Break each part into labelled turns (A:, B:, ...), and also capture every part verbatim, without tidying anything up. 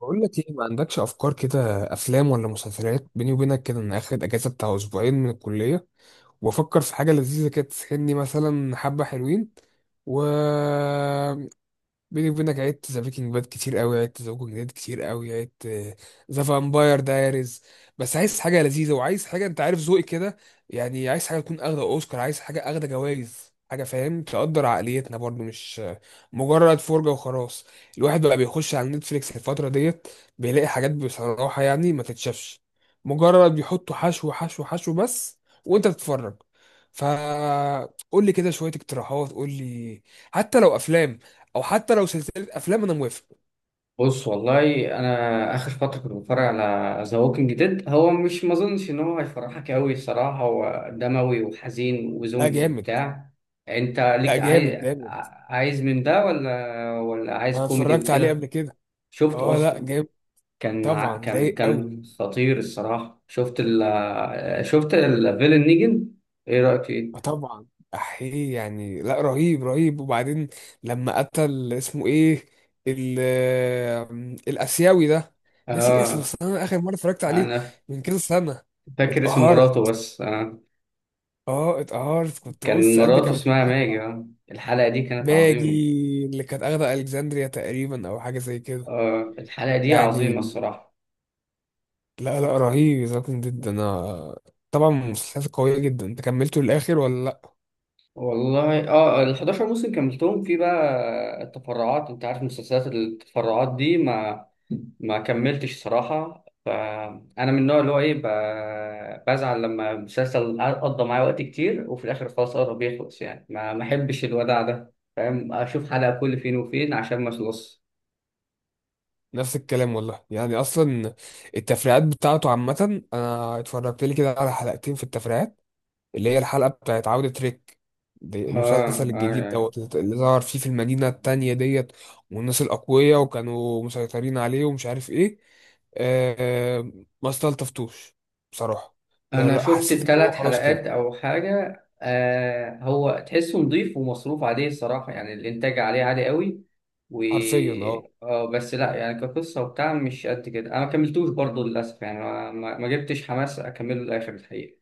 A: بقول لك ايه؟ ما عندكش افكار كده، افلام ولا مسلسلات؟ بيني وبينك كده انا اخد اجازه بتاع اسبوعين من الكليه وافكر في حاجه لذيذه كده تسحلني، مثلا حبه حلوين. و بيني وبينك عدت ذا بريكنج باد كتير قوي، عدت ذا ووكينج ديد كتير قوي، عدت ذا فامباير دايريز. بس عايز حاجه لذيذه، وعايز حاجه انت عارف ذوقي كده، يعني عايز حاجه تكون اخده اوسكار، عايز حاجه اخده جوائز، حاجه فاهم تقدر عقليتنا برضو، مش مجرد فرجه وخلاص. الواحد بقى بيخش على نتفليكس الفتره ديت بيلاقي حاجات بصراحه يعني ما تتشافش، مجرد بيحطوا حشو حشو حشو بس وانت بتتفرج. فقول لي كده شويه اقتراحات، قول لي حتى لو افلام، او حتى لو سلسله افلام انا موافق.
B: بص، والله انا اخر فتره كنت بتفرج على ذا ووكينج ديد. هو مش ما اظنش ان هو هيفرحك قوي الصراحه، هو دموي وحزين
A: لا
B: وزومبيز
A: جامد.
B: وبتاع. انت
A: لا
B: ليك؟
A: جامد
B: عايز
A: جامد.
B: عايز من ده ولا ولا عايز
A: انا
B: كوميدي
A: اتفرجت عليه قبل
B: وكده؟
A: كده.
B: شفته
A: اه لا
B: اصلا؟
A: جامد.
B: كان ع-
A: طبعا
B: كان
A: رايق قوي.
B: كان خطير الصراحه. شفت ال شفت الفيلن نيجن، ايه رايك
A: اه
B: فيه؟
A: طبعا. احيه يعني، لا رهيب رهيب. وبعدين لما قتل اسمه ايه، ال الاسيوي ده، ناسي اسمه.
B: اه،
A: بس انا اخر مره اتفرجت عليه
B: انا
A: من كذا سنه.
B: فاكر اسم مراته
A: اتقهرت.
B: بس آه.
A: اه اتقهرت، كنت
B: كان
A: بص قلبي
B: مراته
A: كان
B: اسمها ماجي
A: متقطع.
B: آه. الحلقه دي كانت
A: ماجي
B: عظيمه.
A: اللي كانت اخده الكسندريا تقريبا او حاجه زي كده.
B: آه الحلقة دي
A: يعني
B: عظيمة الصراحة.
A: لا لا رهيب، ذكي جدا. انا طبعا مسلسلات قوية جدا. انت كملته للآخر ولا لا؟
B: والله اه، ال احداشر موسم كملتهم. في بقى التفرعات انت عارف، مسلسلات التفرعات دي ما ما كملتش صراحة. فأنا من النوع اللي هو ايه، ب- بزعل لما مسلسل قضى معايا وقت كتير وفي الآخر خلاص قرب يخلص، يعني ما ما أحبش الوداع ده فاهم، أشوف حلقة كل فين وفين عشان ما أخلص.
A: نفس الكلام والله، يعني اصلا التفريعات بتاعته عامة انا اتفرجت لي كده على حلقتين في التفريعات، اللي هي الحلقة بتاعت عودة ريك، دي
B: اه
A: المسلسل الجديد
B: آه،
A: دوت اللي ظهر فيه في المدينة التانية ديت، والناس الأقوياء وكانوا مسيطرين عليه ومش عارف ايه. آه، ما استلطفتوش بصراحة. لا
B: انا
A: لا،
B: شفت
A: حسيت ان هو
B: الثلاث
A: خلاص
B: حلقات
A: كده.
B: او حاجه. آه هو تحسه نظيف ومصروف عليه الصراحه، يعني الانتاج عليه عالي قوي. و
A: حرفيا اه
B: آه بس لا، يعني كقصه وبتاع مش قد كده، انا ما كملتوش برضه للاسف، يعني ما, ما ما جبتش حماس اكمله للاخر الحقيقه.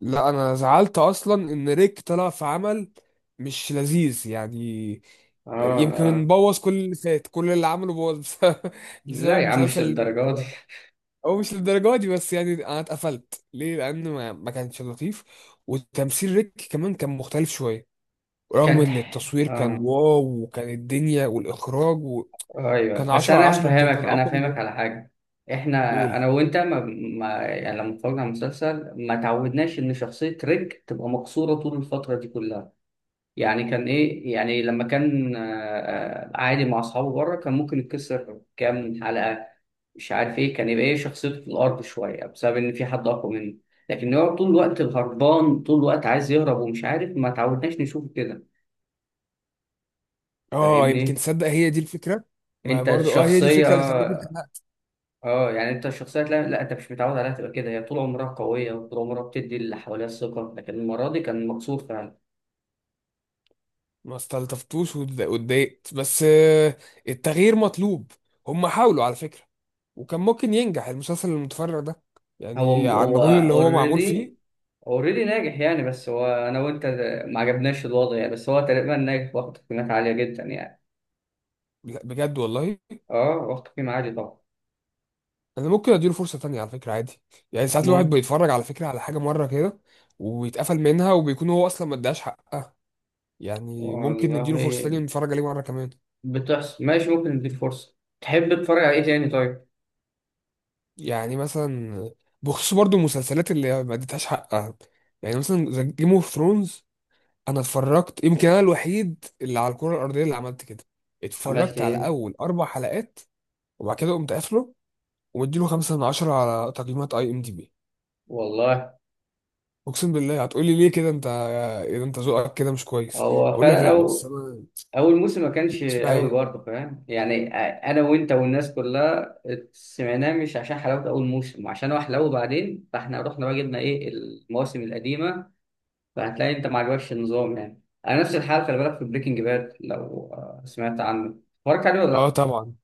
A: لا. انا زعلت اصلا ان ريك طلع في عمل مش لذيذ يعني.
B: اه
A: يمكن
B: اه،
A: بوظ كل اللي فات، كل اللي عمله بوظ بسبب, بسبب
B: لا يا عم مش
A: المسلسل اللي
B: للدرجه
A: اتفرج.
B: دي
A: هو مش للدرجه دي، بس يعني انا اتقفلت ليه لان ما, ما كانش لطيف. وتمثيل ريك كمان كان مختلف شويه، رغم
B: كانت
A: ان التصوير كان
B: آه.
A: واو، وكان الدنيا والاخراج،
B: ايوه
A: وكان
B: بس
A: عشرة على
B: انا
A: عشرة، يمكن
B: هفهمك،
A: كان
B: انا
A: اقوى من،
B: هفهمك على حاجه. احنا
A: قول.
B: انا وانت ما, ما يعني لما اتفرجنا على المسلسل ما تعودناش ان شخصيه ريك تبقى مقصوره طول الفتره دي كلها. يعني كان ايه يعني لما كان آه، آه، عادي مع اصحابه بره، كان ممكن يتكسر كام حلقه، مش عارف ايه، كان يبقى ايه شخصيته في الارض شويه بسبب ان في حد اقوى منه. لكن هو طول الوقت هربان، طول الوقت عايز يهرب ومش عارف، ما تعودناش نشوفه كده.
A: اه يمكن
B: فاهمني؟
A: تصدق، هي دي الفكره. ما
B: انت
A: برضو اه هي دي
B: الشخصيه،
A: الفكره اللي خلتني
B: اه يعني انت الشخصية لا, لا انت مش متعود عليها تبقى كده. هي طول عمرها قوية وطول عمرها بتدي اللي حواليها الثقة، لكن المرة دي كان مكسور فعلا.
A: ما استلطفتوش، واتض- واتضايقت. بس آه، التغيير مطلوب. هم حاولوا على فكرة، وكان ممكن ينجح المسلسل المتفرع ده،
B: هو
A: يعني على
B: هو
A: المجهود اللي هو معمول فيه.
B: اوريدي، اوريدي ناجح يعني، بس هو انا وانت ما عجبناش الوضع يعني، بس هو تقريبا ناجح واخد قيمات عالية جدا يعني.
A: لا بجد والله.
B: اه، واخد قيمة عالية طبعا.
A: انا ممكن اديله فرصة تانية على فكرة، عادي. يعني ساعات الواحد
B: ممكن.
A: بيتفرج على فكرة على حاجة مرة كده ويتقفل منها، وبيكون هو اصلا ما اداش حق. يعني ممكن
B: والله
A: نديله فرصة تانية ونتفرج عليه مرة كمان.
B: بتحصل، ماشي ممكن نديك فرصة. تحب تتفرج على ايه تاني طيب؟
A: يعني مثلا بخصوص برضو المسلسلات اللي ما اديتهاش حقها، يعني مثلا جيم اوف ثرونز، انا اتفرجت يمكن انا الوحيد اللي على الكره الارضيه اللي عملت كده.
B: عملت
A: اتفرجت على
B: ايه؟
A: اول اربع حلقات وبعد كده قمت قافله، ومديله خمسة من عشرة على تقييمات اي ام دي بي.
B: والله
A: اقسم بالله هتقولي ليه كده انت، اذا انت ذوقك كده مش كويس.
B: هو
A: اقول لك
B: فعلا
A: لا، بس
B: أو
A: انا
B: اول موسم ما كانش
A: مش معايا.
B: قوي برضه، فاهم يعني؟ انا وانت والناس كلها سمعناه مش عشان حلاوه اول موسم، عشان هو حلاوه بعدين، فاحنا رحنا بقى جبنا ايه، المواسم القديمه. فهتلاقي انت ما عجبكش النظام يعني. انا نفس الحال. خلي بالك في بريكنج باد، لو آه، سمعت عنه، اتفرجت عليه ولا
A: اه
B: لا؟
A: طبعا،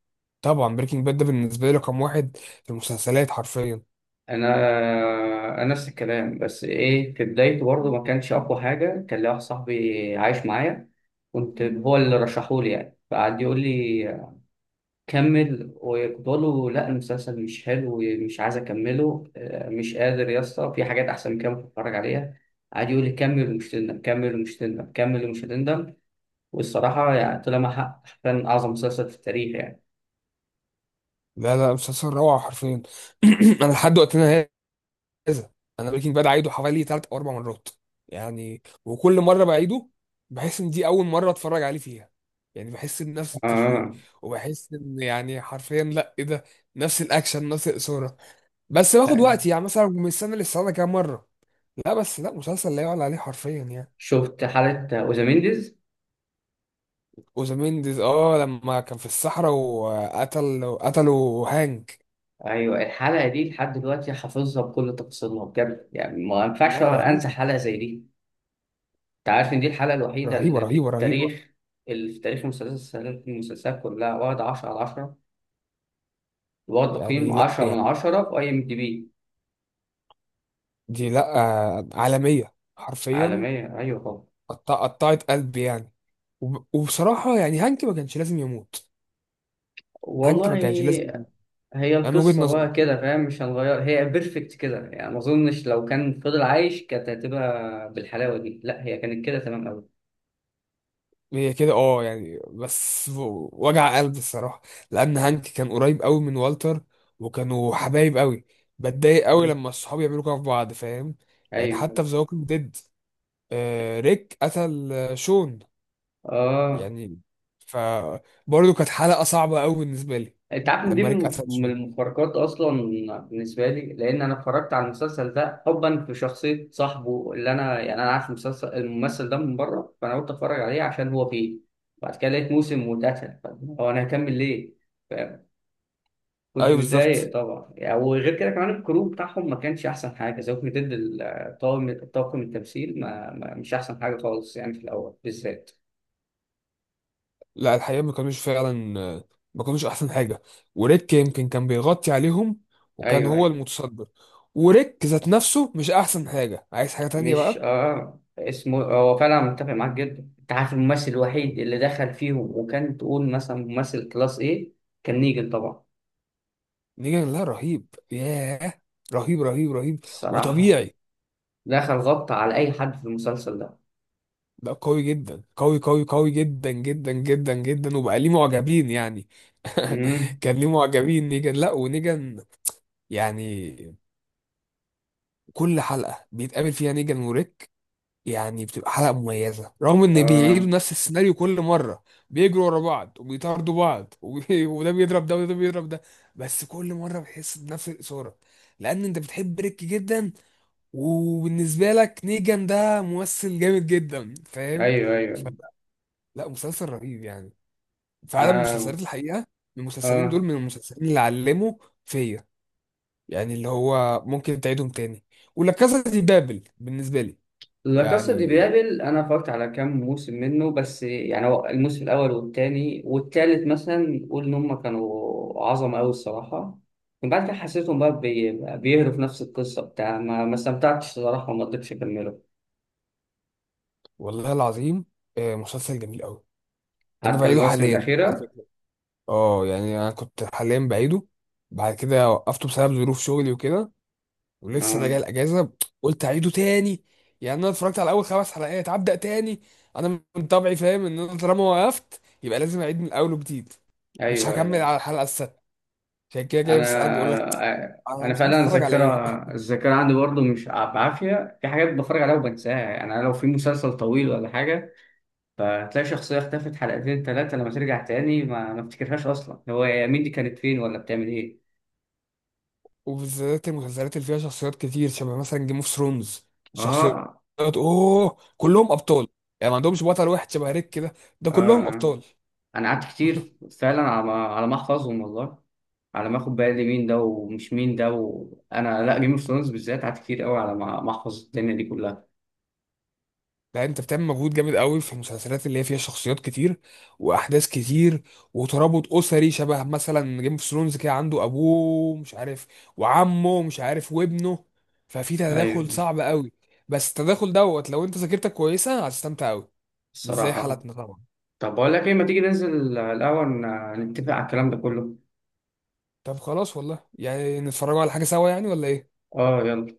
A: طبعا. بريكنج باد ده بالنسبه لي رقم واحد في المسلسلات حرفيا.
B: انا انا نفس الكلام بس ايه، في بدايته برضه ما كانش اقوى حاجه. كان لي واحد صاحبي عايش معايا، كنت هو اللي رشحولي يعني، فقعد يقول لي كمل، وكنت بقول له لا المسلسل مش حلو ومش عايز اكمله آه، مش قادر يا اسطى، في حاجات احسن من كده ممكن اتفرج عليها. قعد يقول لي كمل ومش تندم، كمل ومش تندم، كمل ومش تندم. والصراحه يعني طلع مع حق، كان اعظم مسلسل في التاريخ يعني.
A: لا لا، مسلسل روعه حرفيا. انا لحد وقتنا كذا، انا بريكنج باد عايده حوالي ثلاث او اربع مرات يعني. وكل مره بعيده بحس ان دي اول مره اتفرج عليه فيها، يعني بحس بنفس التشويق.
B: اه
A: وبحس ان يعني حرفيا لا ايه ده، نفس الاكشن نفس الاثاره. بس باخد
B: يعني.
A: وقتي، يعني مثلا من السنه للسنه كام مره. لا بس لا، مسلسل لا يعلى عليه حرفيا يعني.
B: شفت حلقه اوزامينديز؟
A: وزمينديز، اه لما كان في الصحراء وقتل قتلوا هانك.
B: ايوه الحلقه دي لحد دلوقتي حافظها بكل تفاصيلها بجد، يعني ما ينفعش
A: لا
B: انسى
A: رهيبه
B: حلقه زي دي. انت عارف ان دي الحلقه الوحيده
A: رهيبه
B: اللي في
A: رهيبه رهيبه،
B: التاريخ، اللي في تاريخ المسلسلات، المسلسلات كلها، واخد عشرة على عشرة، واخد تقييم
A: يعني لا
B: عشرة من
A: يعني
B: عشرة في أي إم دي بي.
A: دي لا آه، عالميه حرفيا.
B: عالمية أيوة طبعا.
A: قط- قطعت قلبي يعني. وب- وبصراحة يعني هانك ما كانش لازم يموت. هانك ما
B: والله
A: كانش لازم يموت
B: هي
A: يعني. من وجهة
B: القصة
A: نظري
B: بقى كده فاهم، مش هنغير، هي بيرفكت كده، يعني ما أظنش لو كان فضل عايش كانت هتبقى بالحلاوة دي. لا هي كانت كده تمام أوي.
A: هي كده اه يعني، بس و- وجع قلب الصراحة، لأن هانك كان قريب قوي من والتر، وكانوا حبايب قوي. بتضايق قوي
B: مم.
A: لما الصحاب يعملوا كده في بعض، فاهم؟ يعني
B: أيوة.
A: حتى في ذا ووكينج ديد، ريك قتل آه، شون،
B: آه
A: يعني فبرضه كانت حلقة صعبة قوي بالنسبة لي
B: انت عارف ان دي
A: لما ريك
B: من
A: قتل
B: من
A: شون.
B: المفارقات اصلا بالنسبه لي، لان انا اتفرجت على المسلسل ده حبا في شخصيه صاحبه اللي انا، يعني انا عارف المسلسل، الممثل ده من بره، فانا قلت اتفرج عليه عشان هو فيه. بعد كده لقيت موسم واتقتل، طب هو انا هكمل ليه؟ ف-، كنت
A: ايوه بالظبط.
B: متضايق طبعا يعني. وغير كده كمان الكرو بتاعهم ما كانش احسن حاجه زي ما، ضد الطاقم، طاقم التمثيل ما ما- مش احسن حاجه خالص يعني في الاول بالذات.
A: لا الحقيقة ما كانوش فعلا، آه، ما كانوش أحسن حاجة. وريك يمكن كان بيغطي عليهم، وكان هو
B: ايوه
A: المتصدر. وريك ذات نفسه مش أحسن حاجة، عايز حاجة تانية
B: مش
A: بقى.
B: اه اسمه، هو فعلا متفق معاك جدا. انت عارف الممثل الوحيد اللي دخل فيهم وكان تقول مثلا ممثل كلاس ايه؟ كان نيجن طبعا.
A: نيجان لا رهيب، ياه، رهيب رهيب رهيب
B: الصراحة
A: وطبيعي.
B: دخل غطى على اي حد في المسلسل ده.
A: ده قوي جدا، قوي قوي قوي جدا جدا جدا جدا، وبقى ليه معجبين يعني.
B: امم.
A: كان ليه معجبين نيجان، لا. ونيجان يعني كل حلقة بيتقابل فيها نيجان وريك يعني بتبقى حلقة مميزة، رغم ان
B: اه.
A: بيعيدوا نفس السيناريو كل مرة. بيجروا ورا بعض وبيطاردوا بعض، وبي... وده بيضرب ده وده بيضرب ده. بس كل مرة بتحس بنفس الإثارة، لأن أنت بتحب ريك جدا، وبالنسبة لك نيجان ده ممثل جامد جدا، فاهم؟
B: ايوه
A: ف...
B: ايوه.
A: لا مسلسل رهيب يعني فعلا.
B: انا
A: مسلسلات الحقيقة، المسلسلين دول
B: اه،
A: من المسلسلين اللي علموا فيا، يعني اللي هو ممكن تعيدهم تاني. ولا كاسا دي بابل بالنسبة لي،
B: لا كاسا دي
A: يعني
B: بابل انا اتفرجت على كام موسم منه بس، يعني هو الموسم الاول والتاني والتالت مثلا قول ان هم كانوا عظمه قوي الصراحه. من بعد كده حسيتهم بقى بي- بيهروا في نفس القصه بتاع، ما ما استمتعتش الصراحه وما قدرتش اكمله.
A: والله العظيم، آه، مسلسل جميل قوي. انا
B: حتى
A: بعيده
B: المواسم
A: حاليا على
B: الاخيره.
A: فكره. اه يعني انا كنت حاليا بعيده، بعد كده وقفته بسبب ظروف شغلي وكده، ولسه
B: اه
A: راجع الاجازه، قلت اعيده تاني. يعني انا اتفرجت على اول خمس حلقات، هبدا تاني. انا من طبعي فاهم ان انا طالما وقفت يبقى لازم اعيد من اول وجديد، مش
B: ايوه
A: هكمل
B: ايوه.
A: على الحلقه السادسه. عشان كده جاي
B: انا
A: بسالك بقول لك
B: آه،
A: انا
B: انا
A: مش عارف
B: فعلا
A: اتفرج على
B: الذاكره،
A: ايه.
B: الذاكره عندي برضه مش ع- بعافيه، في حاجات بتفرج عليها وبنساها. يعني انا لو في مسلسل طويل ولا حاجه، فتلاقي شخصية اختفت حلقتين تلاتة، لما ترجع تاني ما ما افتكرهاش أصلا، هو يا مين دي، كانت فين ولا بتعمل إيه
A: وبالذات المسلسلات اللي فيها شخصيات كتير، شبه مثلا جيم اوف ثرونز، شخصيات،
B: آه
A: اوه كلهم ابطال، يعني ما عندهمش بطل واحد شبه ريك كده، ده
B: آه
A: كلهم
B: آه.
A: ابطال.
B: أنا قعدت كتير فعلا على ما، على ما أحفظهم والله، على ما أخد بالي مين ده ومش مين ده. وأنا لا، جيم اوف ثرونز بالذات قعدت كتير قوي على ما ما أحفظ الدنيا دي كلها.
A: لا انت بتعمل مجهود جامد قوي في المسلسلات اللي هي فيها شخصيات كتير، واحداث كتير، وترابط اسري، شبه مثلا جيم اوف ثرونز كده، عنده ابوه مش عارف، وعمه مش عارف، وابنه، ففي تداخل
B: أيوه.
A: صعب قوي. بس التداخل دوت لو انت ذاكرتك كويسه هتستمتع قوي، مش زي
B: الصراحة.
A: حالتنا طبعا.
B: طب بقول لك إيه، ما تيجي ننزل الأول ن- نتفق على الكلام ده كله.
A: طب خلاص والله، يعني نتفرجوا على حاجه سوا يعني ولا ايه؟
B: آه يلا.